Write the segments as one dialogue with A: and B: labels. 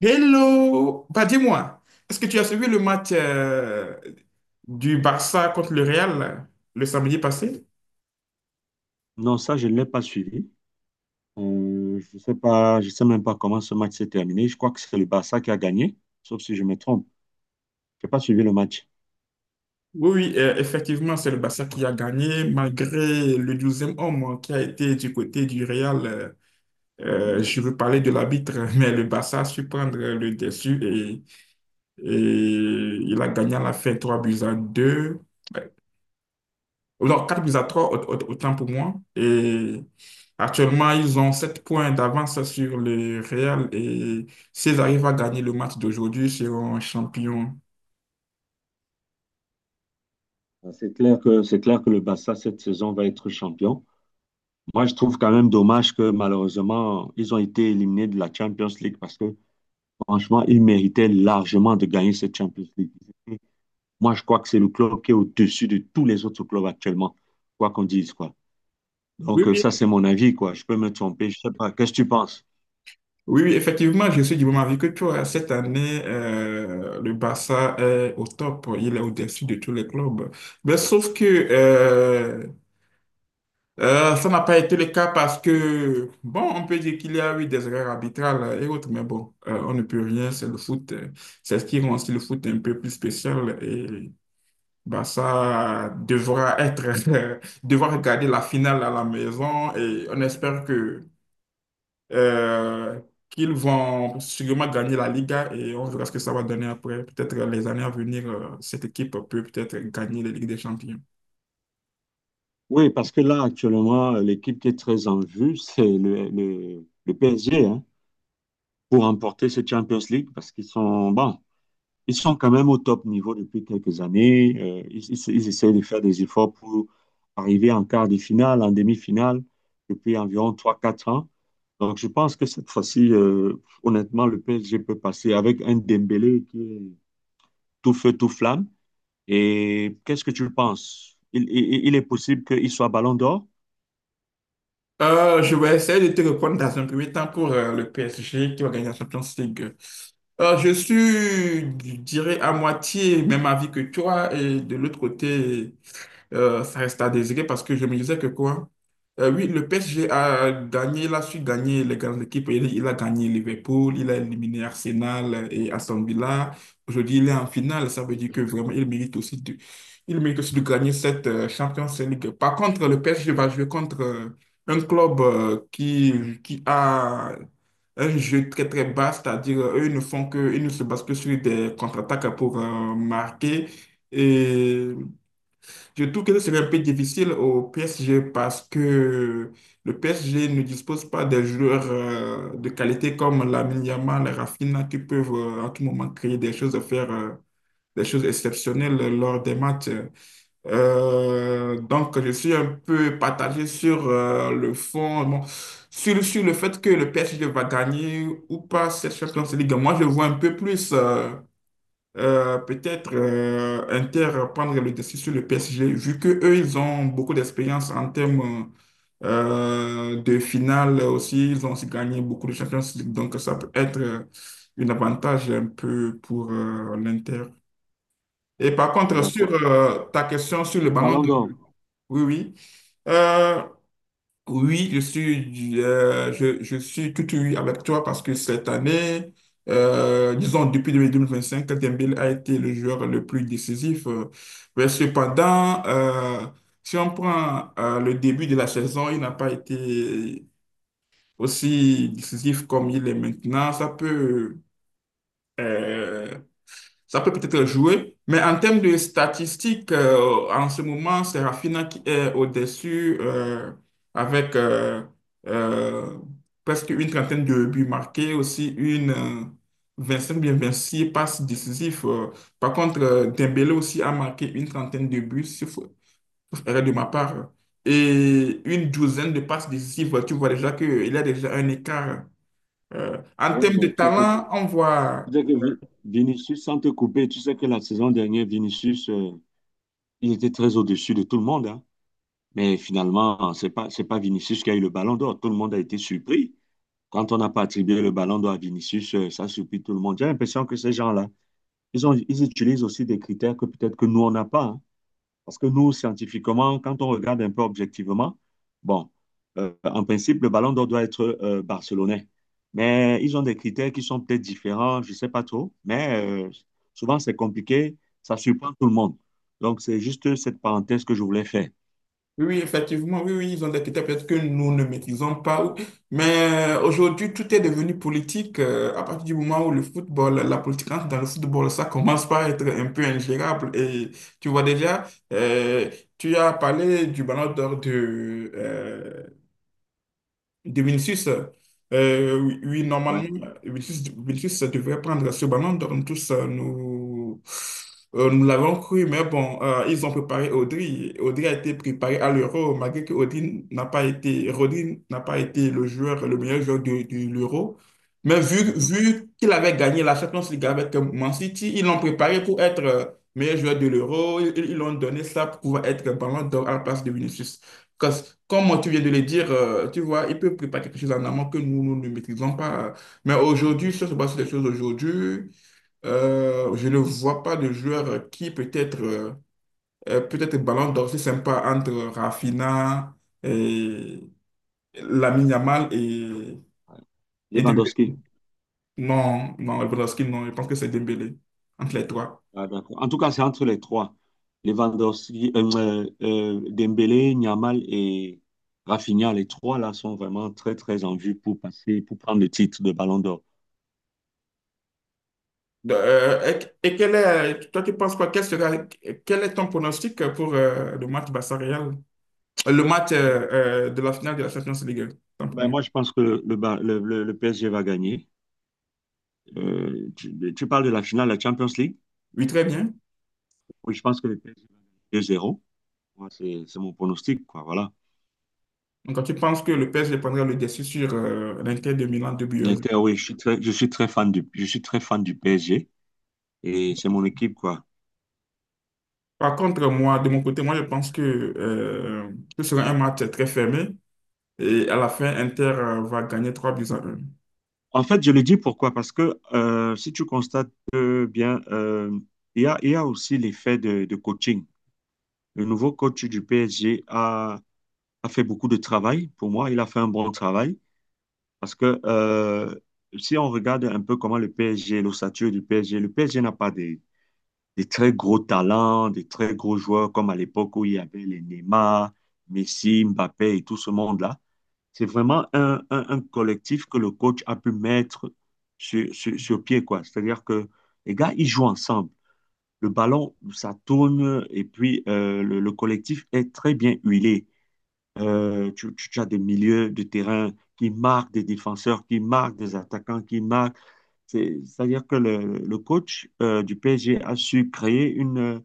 A: Hello! Bah dis-moi, est-ce que tu as suivi le match du Barça contre le Real le samedi passé?
B: Non, ça, je ne l'ai pas suivi. Je sais pas, je sais même pas comment ce match s'est terminé. Je crois que c'est le Barça qui a gagné, sauf si je me trompe. Je n'ai pas suivi le match.
A: Oui, oui, effectivement, c'est le Barça qui a gagné malgré le douzième e homme, hein, qui a été du côté du Real.
B: Hmm.
A: Je veux parler de l'arbitre, mais le Barça a su prendre le dessus et il a gagné à la fin 3 buts à 2. Non, 4 buts à 3, autant pour moi. Et actuellement, ils ont 7 points d'avance sur le Real. Et s'ils arrivent à gagner le match d'aujourd'hui, ils seront champions.
B: C'est clair que le Barça, cette saison, va être champion. Moi, je trouve quand même dommage que malheureusement, ils ont été éliminés de la Champions League parce que franchement, ils méritaient largement de gagner cette Champions League. Moi, je crois que c'est le club qui est au-dessus de tous les autres clubs actuellement, quoi qu'on dise, quoi.
A: Oui,
B: Donc, euh,
A: oui.
B: ça, c'est mon avis, quoi. Je peux me tromper, je sais pas. Qu'est-ce que tu penses?
A: Oui, oui, effectivement, je suis du même avis que toi. Cette année, le Barça est au top. Il est au-dessus de tous les clubs. Mais sauf que ça n'a pas été le cas parce que, bon, on peut dire qu'il y a eu des erreurs arbitrales et autres, mais bon, on ne peut rien, c'est le foot. C'est ce qui rend aussi le foot un peu plus spécial et bah, ça devra être, devra regarder la finale à la maison et on espère que euh, qu'ils vont sûrement gagner la Liga et on verra ce que ça va donner après. Peut-être les années à venir, cette équipe peut peut-être gagner la Ligue des Champions.
B: Oui, parce que là, actuellement, l'équipe qui est très en vue, c'est le PSG, hein, pour remporter ce Champions League, parce qu'ils sont, bon, ils sont quand même au top niveau depuis quelques années. Ils essaient de faire des efforts pour arriver en quart de finale, en demi-finale, depuis environ trois quatre ans. Donc, je pense que cette fois-ci, honnêtement, le PSG peut passer avec un Dembélé qui est tout feu, tout flamme. Et qu'est-ce que tu penses? Il est possible qu'il soit ballon d'or?
A: Je vais essayer de te répondre dans un premier temps pour le PSG qui va gagner la Champions League. Je dirais, à moitié même avis que toi et de l'autre côté ça reste à désirer parce que je me disais que quoi? Oui, le PSG a gagné, il a su gagner les grandes équipes. Il a gagné Liverpool, il a éliminé Arsenal et Aston Villa. Aujourd'hui, il est en finale. Ça veut dire que vraiment, il mérite aussi de gagner cette Champions League. Par contre, le PSG va jouer contre un club qui a un jeu très très bas, c'est-à-dire eux ils ne font que, ils ne se basent que sur des contre-attaques pour marquer. Et je trouve que ce serait un peu difficile au PSG parce que le PSG ne dispose pas des joueurs de qualité comme Lamine Yamal, Rafinha qui peuvent à tout moment créer des choses, faire des choses exceptionnelles lors des matchs. Donc, je suis un peu partagé sur le fond, bon, sur le fait que le PSG va gagner ou pas cette Champions League. Moi, je vois un peu plus. Peut-être Inter prendre le dessus sur le PSG, vu que eux, ils ont beaucoup d'expérience en termes de finale aussi. Ils ont aussi gagné beaucoup de Champions League, donc ça peut être un avantage un peu pour l'Inter. Et par
B: Ah,
A: contre, sur
B: d'accord.
A: ta question sur le ballon
B: Ballon
A: d'or,
B: d'Or.
A: oui, oui. Euh, oui, je suis tout oui avec toi parce que cette année, disons depuis 2025, Dembélé a été le joueur le plus décisif. Mais cependant, si on prend le début de la saison, il n'a pas été aussi décisif comme il est maintenant. Euh, Ça peut peut-être jouer, mais en termes de statistiques, en ce moment, c'est Rafinha qui est au-dessus avec euh, presque une trentaine de buts marqués, aussi une cinq bien 26 passes décisives. Par contre, Dembélé aussi a marqué une trentaine de buts, sauf erreur de ma part, et une douzaine de passes décisives. Tu vois déjà qu'il y a déjà un écart. En
B: Ouais,
A: termes de
B: mais tu sais, que-
A: talent, on
B: tu
A: voit.
B: sais que Vinicius, sans te couper, tu sais que la saison dernière, Vinicius il était très au-dessus de tout le monde, hein. Mais finalement, c'est pas Vinicius qui a eu le ballon d'or. Tout le monde a été surpris. Quand on n'a pas attribué le ballon d'or à Vinicius, ça surpris tout le monde. J'ai l'impression que ces gens-là, ils utilisent aussi des critères que peut-être que nous, on n'a pas, hein. Parce que nous, scientifiquement, quand on regarde un peu objectivement, bon, en principe, le ballon d'or doit être barcelonais. Mais ils ont des critères qui sont peut-être différents, je ne sais pas trop. Mais souvent, c'est compliqué, ça surprend tout le monde. Donc, c'est juste cette parenthèse que je voulais faire.
A: Oui, oui, effectivement, oui, oui, ils ont des critères peut-être que nous ne maîtrisons pas. Mais aujourd'hui, tout est devenu politique. À partir du moment où le football, la politique entre dans le football, ça commence par être un peu ingérable. Et tu vois déjà, euh, tu as parlé du ballon d'or de Vinicius, oui, oui,
B: Ouais.
A: normalement, Vinicius devrait prendre ce ballon. Donc, tous, nous l'avons cru, mais bon, ils ont préparé Audrey. Audrey a été préparé à l'Euro, malgré que Audrey n'a pas été, Rodri n'a pas été le meilleur joueur de l'Euro. Mais
B: Mhm.
A: vu qu'il avait gagné la Champions League avec Man City, ils l'ont préparé pour être meilleur joueur de l'Euro. Ils l'ont donné ça pour pouvoir être ballon d'or à la place de Vinicius. Comme tu viens de le dire, tu vois, il peut préparer quelque chose en amont que nous, nous ne maîtrisons pas. Mais aujourd'hui,
B: Mhm.
A: si on se base sur les choses aujourd'hui, je ne vois pas de joueur qui peut-être ballon d'or, c'est sympa entre Rafinha et Lamine Yamal
B: Ouais.
A: et Dembélé.
B: Lewandowski.
A: Non, non, Lewandowski, non, je pense que c'est Dembélé, entre les trois.
B: Ah, d'accord. En tout cas, c'est entre les trois. Lewandowski, Dembélé, Yamal et Rafinha, les trois là sont vraiment très très en vue pour passer, pour prendre le titre de Ballon d'Or.
A: Et quel est, toi, tu penses quoi? Quel est ton pronostic pour le match Barça-Real? Le match de la finale de la Champions League, tant pour
B: Ben,
A: moi.
B: moi, je pense que le, Ba- le PSG va gagner. Tu parles de la finale de la Champions League?
A: Oui, très bien.
B: Oui, je pense que le PSG va gagner 2-0. Moi, c'est mon pronostic, quoi. Voilà.
A: Donc, quand tu penses que le PSG prendra le dessus sur l'Inter de Milan de buts à zéro.
B: L'Inter, oui, je suis très fan je suis très fan du PSG et c'est mon équipe, quoi.
A: Par contre, moi, de mon côté, moi, je pense que ce sera un match très fermé et à la fin, Inter va gagner 3 buts à un.
B: En fait, je le dis pourquoi? Parce que si tu constates bien, il y a aussi l'effet de coaching. Le nouveau coach du PSG a fait beaucoup de travail. Pour moi, il a fait un bon travail parce que si on regarde un peu comment l'ossature du PSG, le PSG n'a pas des, des très gros talents, des très gros joueurs comme à l'époque où il y avait les Neymar, Messi, Mbappé et tout ce monde-là. C'est vraiment un collectif que le coach a pu mettre sur pied, quoi. C'est-à-dire que les gars, ils jouent ensemble. Le ballon, ça tourne et puis le collectif est très bien huilé. Tu as des milieux de terrain qui marquent, des défenseurs qui marquent, des attaquants qui marquent. C'est- C'est-à-dire que le coach du PSG a su créer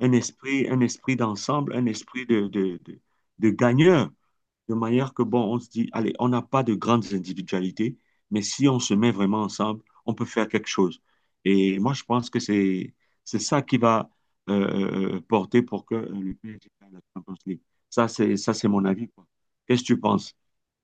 B: un esprit d'ensemble, un esprit de gagneur de manière que, bon, on se dit, allez, on n'a pas de grandes individualités, mais si on se met vraiment ensemble, on peut faire quelque chose. Et moi, je pense que c'est ça qui va porter pour que le PSG gagne la Champions League. C'est mon avis, quoi. Qu'est-ce que tu penses?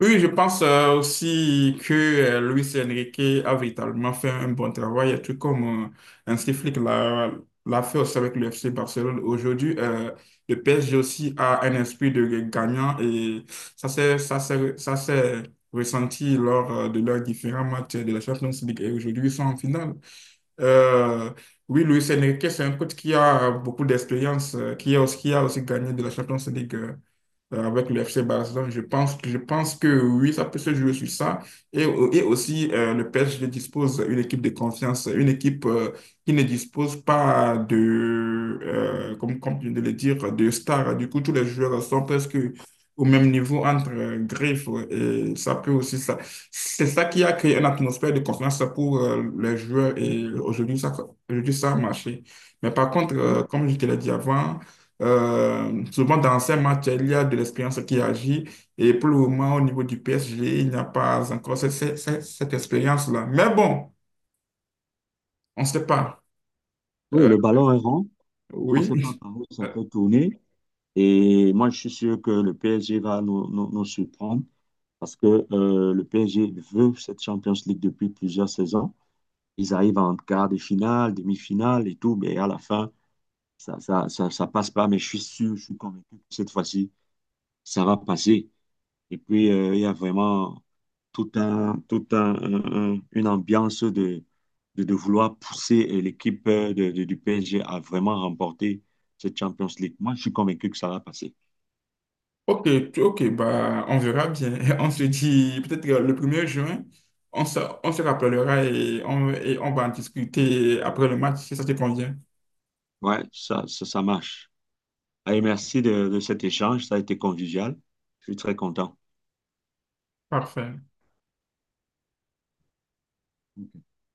A: Oui, je pense aussi que Luis Enrique a véritablement fait un bon travail, tout comme un Flick l'a fait aussi avec le FC Barcelone. Aujourd'hui, le PSG aussi a un esprit de gagnant et ça s'est ressenti lors de leurs différents matchs de la Champions League et aujourd'hui ils sont en finale. Euh, oui, Luis Enrique, c'est un coach qui a beaucoup d'expérience, qui a aussi gagné de la Champions League avec le FC Barcelone. Je pense que oui, ça peut se jouer sur ça. Et aussi, le PSG dispose d'une équipe de confiance, une équipe qui ne dispose pas de, comme tu viens de le dire, de stars. Du coup, tous les joueurs sont presque au même niveau entre griffes. Et ça peut aussi, ça, c'est ça qui a créé une atmosphère de confiance pour les joueurs. Et
B: Oui.
A: aujourd'hui, ça a marché. Mais par contre, comme je te l'ai dit avant, souvent dans ces matchs, il y a de l'expérience qui agit et pour le moment, au niveau du PSG, il n'y a pas encore cette expérience-là. Mais bon, on ne sait pas.
B: Oui,
A: Euh,
B: le ballon est rond. On ne sait pas
A: oui.
B: par où ça
A: Euh,
B: peut tourner. Et moi, je suis sûr que le PSG va nous surprendre parce que le PSG veut cette Champions League depuis plusieurs saisons. Ils arrivent en quart de finale, demi-finale et tout, mais à la fin, ça passe pas, mais je suis sûr, je suis convaincu que cette fois-ci, ça va passer. Et puis, il y a vraiment tout un- une ambiance de vouloir pousser l'équipe du PSG à vraiment remporter cette Champions League. Moi, je suis convaincu que ça va passer.
A: Ok, bah, on verra bien. On se dit peut-être le premier juin, on se, on se rappellera et et on va en discuter après le match si ça te convient.
B: Ouais, ça marche. Allez, merci de cet échange, ça a été convivial. Je suis très content.
A: Parfait.